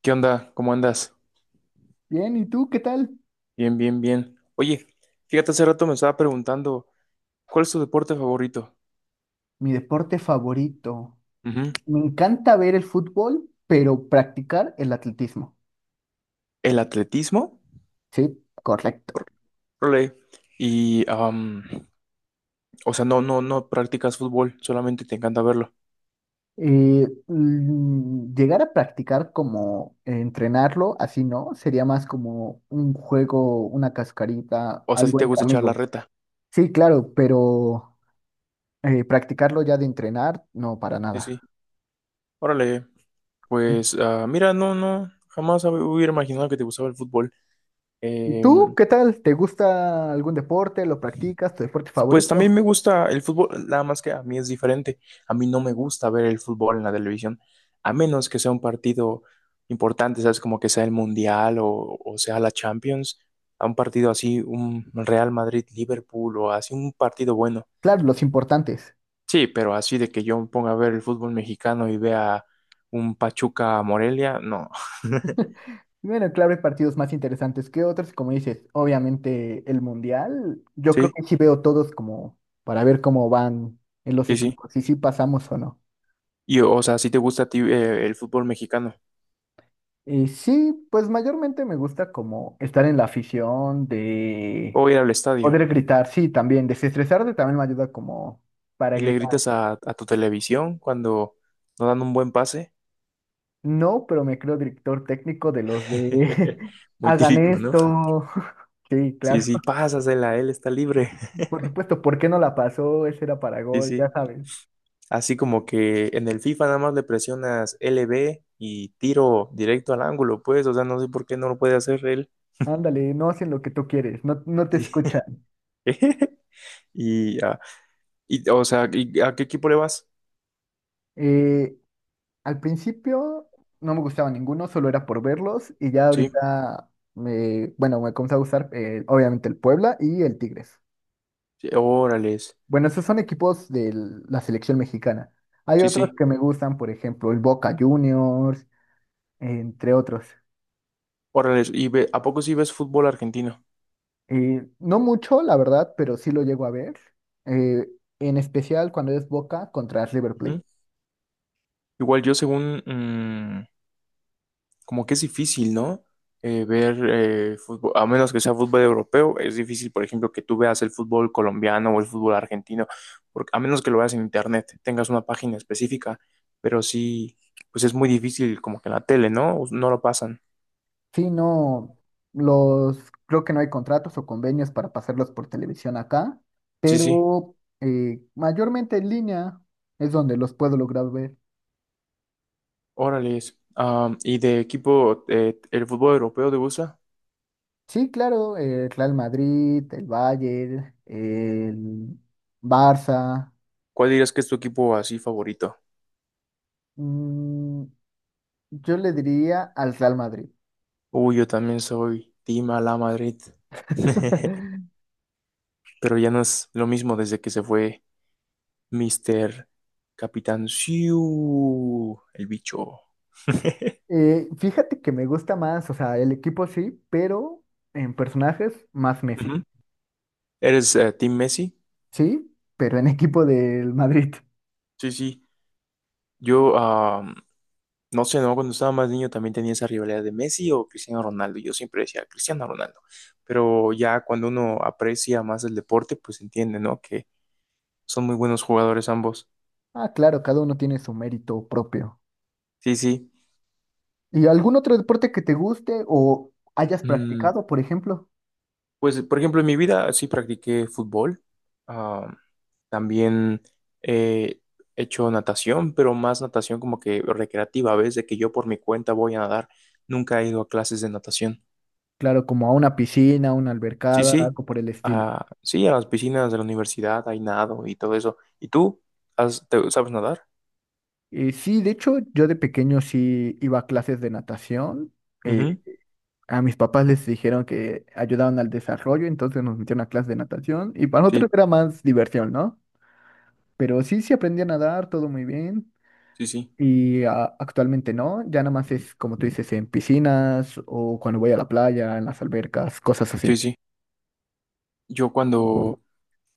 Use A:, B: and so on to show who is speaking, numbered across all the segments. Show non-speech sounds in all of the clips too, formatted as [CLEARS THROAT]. A: ¿Qué onda? ¿Cómo andas?
B: Bien, ¿y tú qué tal?
A: Bien, bien, bien. Oye, fíjate, hace rato me estaba preguntando, ¿cuál es tu deporte favorito?
B: Mi deporte favorito.
A: Ujú.
B: Me encanta ver el fútbol, pero practicar el atletismo.
A: ¿El atletismo?
B: Sí, correcto.
A: Órale. Y, o sea, no practicas fútbol, solamente te encanta verlo.
B: Llegar a practicar como entrenarlo, así no, sería más como un juego, una cascarita,
A: O sea, si
B: algo
A: te
B: entre
A: gusta echar la
B: amigos.
A: reta.
B: Sí, claro, pero practicarlo ya de entrenar, no, para
A: Sí, sí.
B: nada.
A: Órale. Pues, mira, no, no, jamás hubiera imaginado que te gustaba el fútbol.
B: ¿Y tú
A: Em,
B: qué tal? ¿Te gusta algún deporte? ¿Lo practicas? ¿Tu deporte
A: Pues también
B: favorito?
A: me gusta el fútbol, nada más que a mí es diferente. A mí no me gusta ver el fútbol en la televisión, a menos que sea un partido importante, ¿sabes? Como que sea el Mundial o sea la Champions, a un partido así, un Real Madrid-Liverpool o así, un partido bueno.
B: Claro, los importantes.
A: Sí, pero así de que yo me ponga a ver el fútbol mexicano y vea un Pachuca-Morelia, no.
B: Bueno, claro, hay partidos más interesantes que otros, como dices, obviamente el Mundial, yo creo
A: Sí,
B: que sí veo todos como para ver cómo van en los
A: sí, sí.
B: equipos, y si sí pasamos o no.
A: Y, o sea, si te gusta a ti el fútbol mexicano
B: Y sí, pues mayormente me gusta como estar en la afición, de
A: o ir al estadio.
B: poder gritar, sí, también, desestresarte también me ayuda como para
A: Y le gritas
B: gritar.
A: a tu televisión cuando no dan un buen pase.
B: No, pero me creo director técnico de los de
A: [LAUGHS]
B: [LAUGHS]
A: Muy
B: hagan
A: típico, ¿no?
B: esto. Sí,
A: Sí,
B: claro,
A: sí, pásasela, él está libre. [LAUGHS]
B: [LAUGHS] por supuesto, ¿por qué no la pasó? Ese era para
A: Sí,
B: gol, ya
A: sí.
B: sabes.
A: Así como que en el FIFA nada más le presionas LB y tiro directo al ángulo, pues, o sea, no sé por qué no lo puede hacer él.
B: Ándale, no hacen lo que tú quieres, no, no te
A: Sí.
B: escuchan.
A: [LAUGHS] Y, ah, y, o sea, ¿a qué equipo le vas?
B: Eh, Al principio no me gustaba ninguno, solo era por verlos y ya
A: Sí,
B: ahorita bueno, me comenzó a gustar obviamente el Puebla y el Tigres.
A: sí, órales,
B: Bueno, esos son equipos de la selección mexicana. Hay
A: sí,
B: otros
A: sí,
B: que me gustan, por ejemplo, el Boca Juniors, entre otros.
A: órales. ¿Y a poco sí ves fútbol argentino?
B: No mucho, la verdad, pero sí lo llego a ver, eh, en especial cuando es Boca contra River Plate.
A: Ujú. Igual yo según como que es difícil, ¿no? Ver fútbol, a menos que sea fútbol europeo, es difícil, por ejemplo, que tú veas el fútbol colombiano o el fútbol argentino, porque a menos que lo veas en internet, tengas una página específica, pero sí, pues es muy difícil, como que en la tele, ¿no? No lo pasan.
B: Sí, no, los, creo que no hay contratos o convenios para pasarlos por televisión acá,
A: Sí, sí,
B: pero mayormente en línea es donde los puedo lograr ver.
A: órale. Es. ¿Y de equipo, el fútbol europeo te gusta?
B: Sí, claro, el Real Madrid, el Bayern, el Barça.
A: ¿Cuál dirías que es tu equipo así favorito?
B: mm, yo le diría al Real Madrid.
A: Uy, yo también soy Team Ala Madrid. [LAUGHS]
B: [LAUGHS]
A: Pero ya no es lo mismo desde que se fue Mister Capitán Siu, el bicho. [LAUGHS]
B: Fíjate que me gusta más, o sea, el equipo sí, pero en personajes más Messi.
A: Ujú. ¿Eres Team Messi?
B: Sí, pero en equipo del Madrid.
A: Sí, sí. Yo, no sé, ¿no? Cuando estaba más niño también tenía esa rivalidad de Messi o Cristiano Ronaldo. Yo siempre decía Cristiano Ronaldo. Pero ya cuando uno aprecia más el deporte, pues entiende, ¿no? Que son muy buenos jugadores ambos.
B: Ah, claro, cada uno tiene su mérito propio.
A: Sí, sí.
B: ¿Y algún otro deporte que te guste o hayas
A: Mm,
B: practicado, por ejemplo?
A: Pues, por ejemplo, en mi vida sí practiqué fútbol. Ah, También eh, he hecho natación, pero más natación como que recreativa, ¿ves? De que yo por mi cuenta voy a nadar. Nunca he ido a clases de natación.
B: Claro, como a una piscina, una
A: Sí,
B: albercada,
A: sí.
B: algo por el estilo.
A: Ah, sí, a las piscinas de la universidad hay nado y todo eso. ¿Y tú? Sabes nadar?
B: Sí, de hecho, yo de pequeño sí iba a clases de natación. Eh,
A: Ujú.
B: a mis papás les dijeron que ayudaban al desarrollo, entonces nos metieron a clases de natación y para nosotros
A: Sí,
B: era más diversión, ¿no? Pero sí, sí aprendí a nadar, todo muy bien.
A: sí, sí.
B: Y actualmente no, ya nada más es como tú dices, en piscinas o cuando voy a la playa, en las albercas, cosas
A: Sí,
B: así.
A: sí. Yo cuando,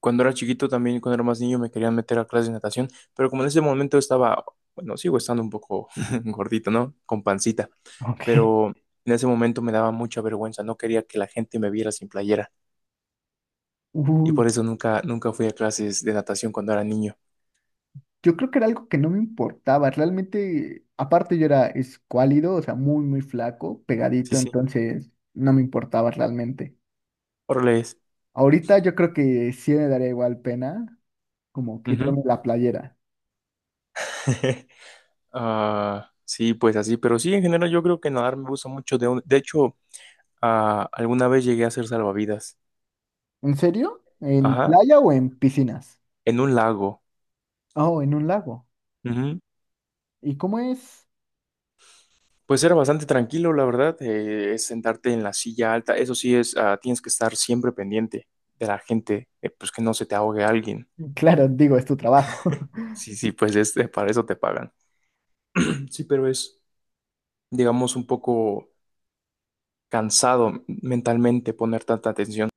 A: Cuando era chiquito también, cuando era más niño, me querían meter a clases de natación, pero como en ese momento estaba, bueno, sigo estando un poco [LAUGHS] gordito, ¿no? Con pancita,
B: Ok.
A: pero en ese momento me daba mucha vergüenza, no quería que la gente me viera sin playera y
B: Uy,
A: por eso nunca, nunca fui a clases de natación cuando era niño.
B: yo creo que era algo que no me importaba, realmente, aparte yo era escuálido, o sea, muy, muy flaco,
A: Sí,
B: pegadito,
A: sí,
B: entonces no me importaba realmente.
A: órale es.
B: Ahorita yo creo que sí me daría igual pena como
A: Ujú.
B: quitarme la playera.
A: [LAUGHS] Sí, pues así, pero sí, en general yo creo que nadar me gusta mucho. De hecho, alguna vez llegué a hacer salvavidas,
B: ¿En serio? ¿En
A: ajá,
B: playa o en piscinas?
A: en un lago.
B: Oh, en un lago. ¿Y cómo es?
A: Pues era bastante tranquilo, la verdad. Es sentarte en la silla alta. Eso sí es, tienes que estar siempre pendiente de la gente, pues que no se te ahogue alguien.
B: Claro, digo, es tu trabajo.
A: Sí, sí, pues este, para eso te pagan. [CLEARS THROAT] Sí, pero es, digamos, un poco cansado mentalmente poner tanta atención.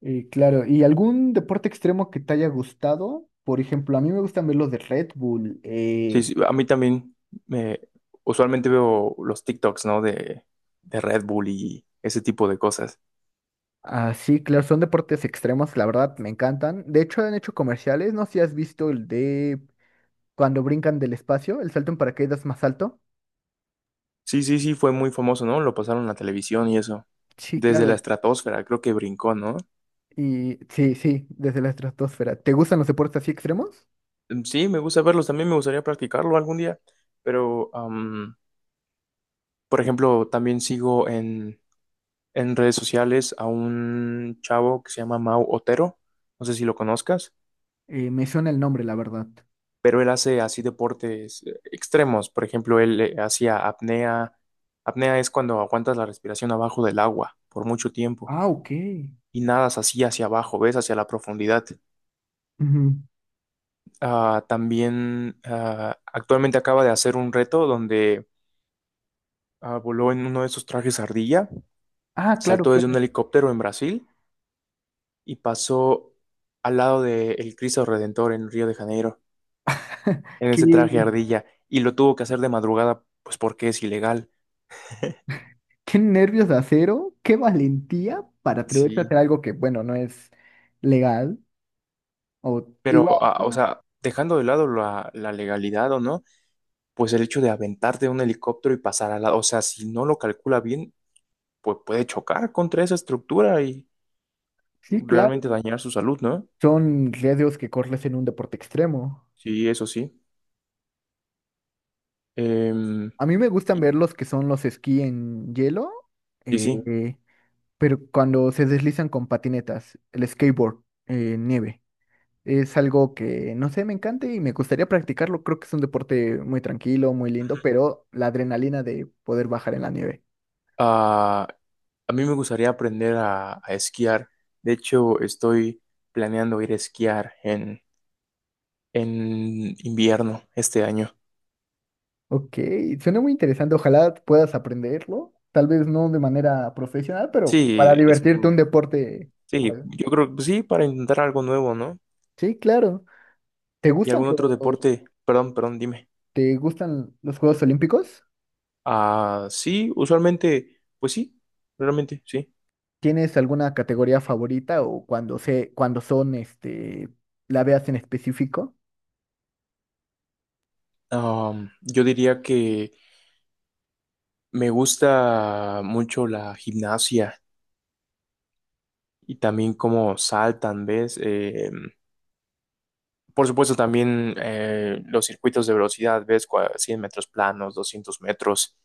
B: Claro, ¿y algún deporte extremo que te haya gustado? Por ejemplo, a mí me gustan ver los de Red Bull.
A: Sí, sí, a mí también me usualmente veo los TikToks, ¿no? De Red Bull y ese tipo de cosas.
B: Sí, claro, son deportes extremos, la verdad, me encantan. De hecho, han hecho comerciales, no sé si has visto el de cuando brincan del espacio, el salto en paracaídas más alto.
A: Sí, sí, sí, fue muy famoso, ¿no? Lo pasaron en la televisión y eso.
B: Sí,
A: Desde la
B: claro.
A: estratosfera, creo que brincó, ¿no?
B: Y sí, sí, desde la estratosfera. ¿Te gustan los deportes así extremos?
A: Sí, me gusta verlos, también me gustaría practicarlo algún día, pero, por ejemplo, también sigo en redes sociales a un chavo que se llama Mau Otero, no sé si lo conozcas,
B: Me suena el nombre, la verdad.
A: pero él hace así deportes extremos, por ejemplo, él hacía apnea, apnea es cuando aguantas la respiración abajo del agua por mucho tiempo
B: Ah, ok.
A: y nadas así hacia abajo, ves hacia la profundidad.
B: Ujú.
A: También actualmente acaba de hacer un reto donde voló en uno de esos trajes ardilla.
B: Ah, claro,
A: Saltó desde un
B: claro.
A: helicóptero en Brasil y pasó al lado del Cristo Redentor en Río de Janeiro, en
B: Que
A: ese traje ardilla, y lo tuvo que hacer de madrugada, pues porque es ilegal. [LAUGHS]
B: Qué nervios de acero, qué valentía para atreverse a
A: Sí.
B: hacer algo que, bueno, no es legal. O
A: Pero,
B: igual,
A: o sea, dejando de lado la legalidad o no, pues el hecho de aventarte de un helicóptero y pasar al lado, o sea, si no lo calcula bien, pues puede chocar contra esa estructura y
B: sí, claro,
A: realmente dañar su salud, ¿no?
B: son riesgos que corres en un deporte extremo.
A: Sí, eso sí. Em,
B: A mí me gustan
A: y,
B: ver los que son los esquí en hielo,
A: y sí.
B: eh, pero cuando se deslizan con patinetas, el skateboard, nieve. Es algo que, no sé, me encanta y me gustaría practicarlo. Creo que es un deporte muy tranquilo, muy lindo, pero la adrenalina de poder bajar en la nieve.
A: Ah, A mí me gustaría aprender a esquiar. De hecho, estoy planeando ir a esquiar en invierno este año.
B: Ok, suena muy interesante. Ojalá puedas aprenderlo. Tal vez no de manera profesional, pero para
A: Sí,
B: divertirte un deporte.
A: sí,
B: ¿Cuál?
A: yo creo que sí, para intentar algo nuevo, ¿no?
B: Sí, claro. ¿Te
A: Y
B: gustan
A: algún otro deporte. Perdón, perdón, dime.
B: te gustan los Juegos Olímpicos?
A: Ah, sí, usualmente, pues sí, realmente sí.
B: ¿Tienes alguna categoría favorita o cuando cuando son, este, la veas en específico?
A: Yo diría que me gusta mucho la gimnasia y también cómo saltan, ¿ves? Por supuesto, también los circuitos de velocidad, ves 100 metros planos, 200 metros.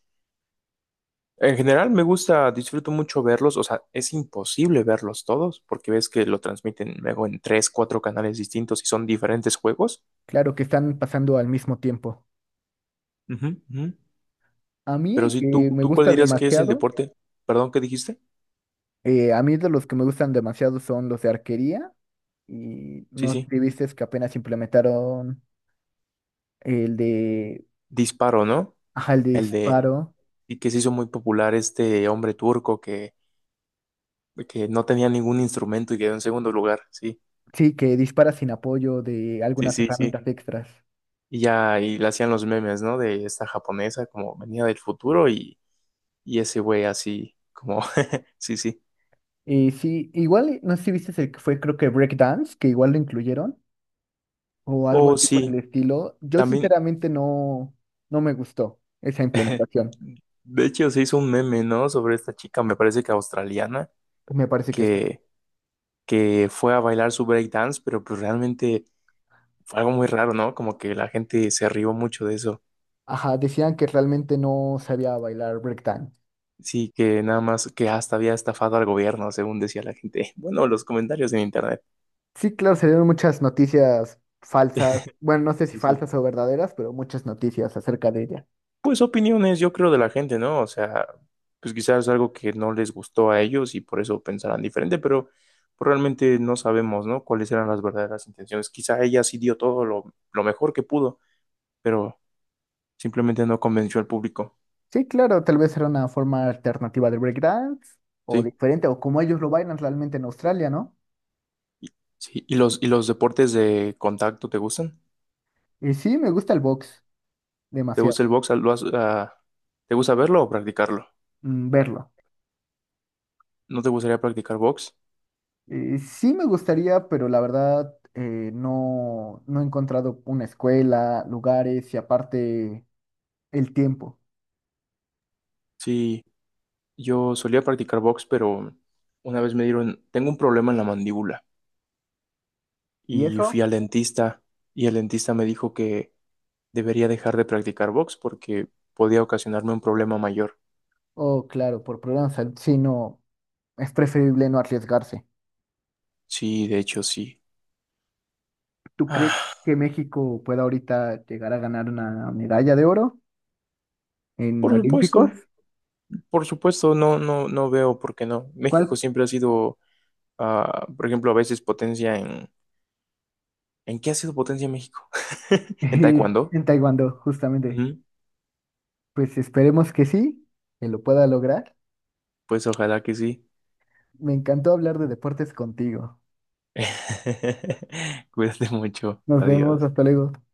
A: En general me gusta, disfruto mucho verlos, o sea, es imposible verlos todos porque ves que lo transmiten luego en tres, cuatro canales distintos y son diferentes juegos.
B: Claro que están pasando al mismo tiempo.
A: Ujú, ujú.
B: A mí
A: Pero
B: el
A: sí,
B: que
A: ¿tú,
B: me
A: tú cuál
B: gusta Ok.
A: dirías que es el
B: demasiado,
A: deporte? Perdón, ¿qué dijiste?
B: a mí de los que me gustan demasiado son los de arquería y
A: Sí,
B: no sé
A: sí,
B: si viste que apenas implementaron. el de,
A: disparo, ¿no?
B: ajá, el de
A: El de,
B: disparo,
A: y que se hizo muy popular este hombre turco que no tenía ningún instrumento y quedó en segundo lugar. Sí,
B: sí, que dispara sin apoyo de
A: sí,
B: algunas
A: sí, sí.
B: herramientas extras.
A: Y ya, y le hacían los memes, ¿no? De esta japonesa como venía del futuro y ese güey así, como, [LAUGHS] sí, sí.
B: Y sí, igual, no sé si viste el que fue, creo que Breakdance, que igual lo incluyeron, o algo
A: Oh,
B: así por el
A: sí,
B: estilo. Yo
A: también,
B: sinceramente no, no me gustó esa
A: [LAUGHS]
B: implementación.
A: de hecho se hizo un meme, ¿no? Sobre esta chica, me parece que australiana,
B: Me parece que sí.
A: que, que fue a bailar su breakdance, pero pues realmente fue algo muy raro, ¿no? Como que la gente se rió mucho de eso.
B: Ajá, decían que realmente no sabía bailar breakdance.
A: Sí, que nada más que hasta había estafado al gobierno, según decía la gente. [LAUGHS] Bueno, los comentarios en internet.
B: Sí, claro, se dieron muchas noticias falsas, bueno,
A: [LAUGHS]
B: no sé si
A: Sí, sí.
B: falsas o verdaderas, pero muchas noticias acerca de ella.
A: Pues opiniones, yo creo, de la gente, ¿no? O sea, pues quizás algo que no les gustó a ellos y por eso pensarán diferente, pero pues, realmente no sabemos, ¿no? Cuáles eran las verdaderas intenciones. Quizá ella sí dio todo lo mejor que pudo, pero simplemente no convenció al público,
B: Sí, claro, tal vez era una forma alternativa del breakdance o
A: ¿sí?
B: diferente, o como ellos lo bailan realmente en Australia, ¿no?
A: Y- Sí, ¿y los deportes de contacto te gustan?
B: Y sí, me gusta el box
A: ¿Te
B: demasiado,
A: gusta el box? ¿Te gusta verlo o practicarlo?
B: verlo.
A: ¿No te gustaría practicar box?
B: Y sí me gustaría, pero la verdad no, no he encontrado una escuela, lugares y aparte el tiempo.
A: Sí, yo solía practicar box, pero una vez me dieron, tengo un problema en la mandíbula.
B: ¿Y
A: Y
B: eso?
A: fui al dentista y el dentista me dijo que debería dejar de practicar box porque podía ocasionarme un problema mayor.
B: Oh, claro, por problemas, de salud, sí, no, es preferible no arriesgarse.
A: Sí, de hecho sí.
B: ¿Tú crees
A: Ah,
B: que México pueda ahorita llegar a ganar una medalla de oro en
A: por
B: Olímpicos?
A: supuesto, por supuesto, no, no, no veo por qué no. [LAUGHS] México
B: ¿Cuál
A: siempre ha sido, por ejemplo, a veces potencia en... ¿En qué ha sido potencia México? [LAUGHS] ¿En
B: [LAUGHS]
A: taekwondo?
B: en Taekwondo, justamente.
A: Ujú,
B: Pues esperemos que sí, que lo pueda lograr.
A: pues ojalá que sí.
B: Me encantó hablar de deportes contigo.
A: [LAUGHS] Cuídate mucho.
B: Nos vemos,
A: Adiós.
B: hasta luego.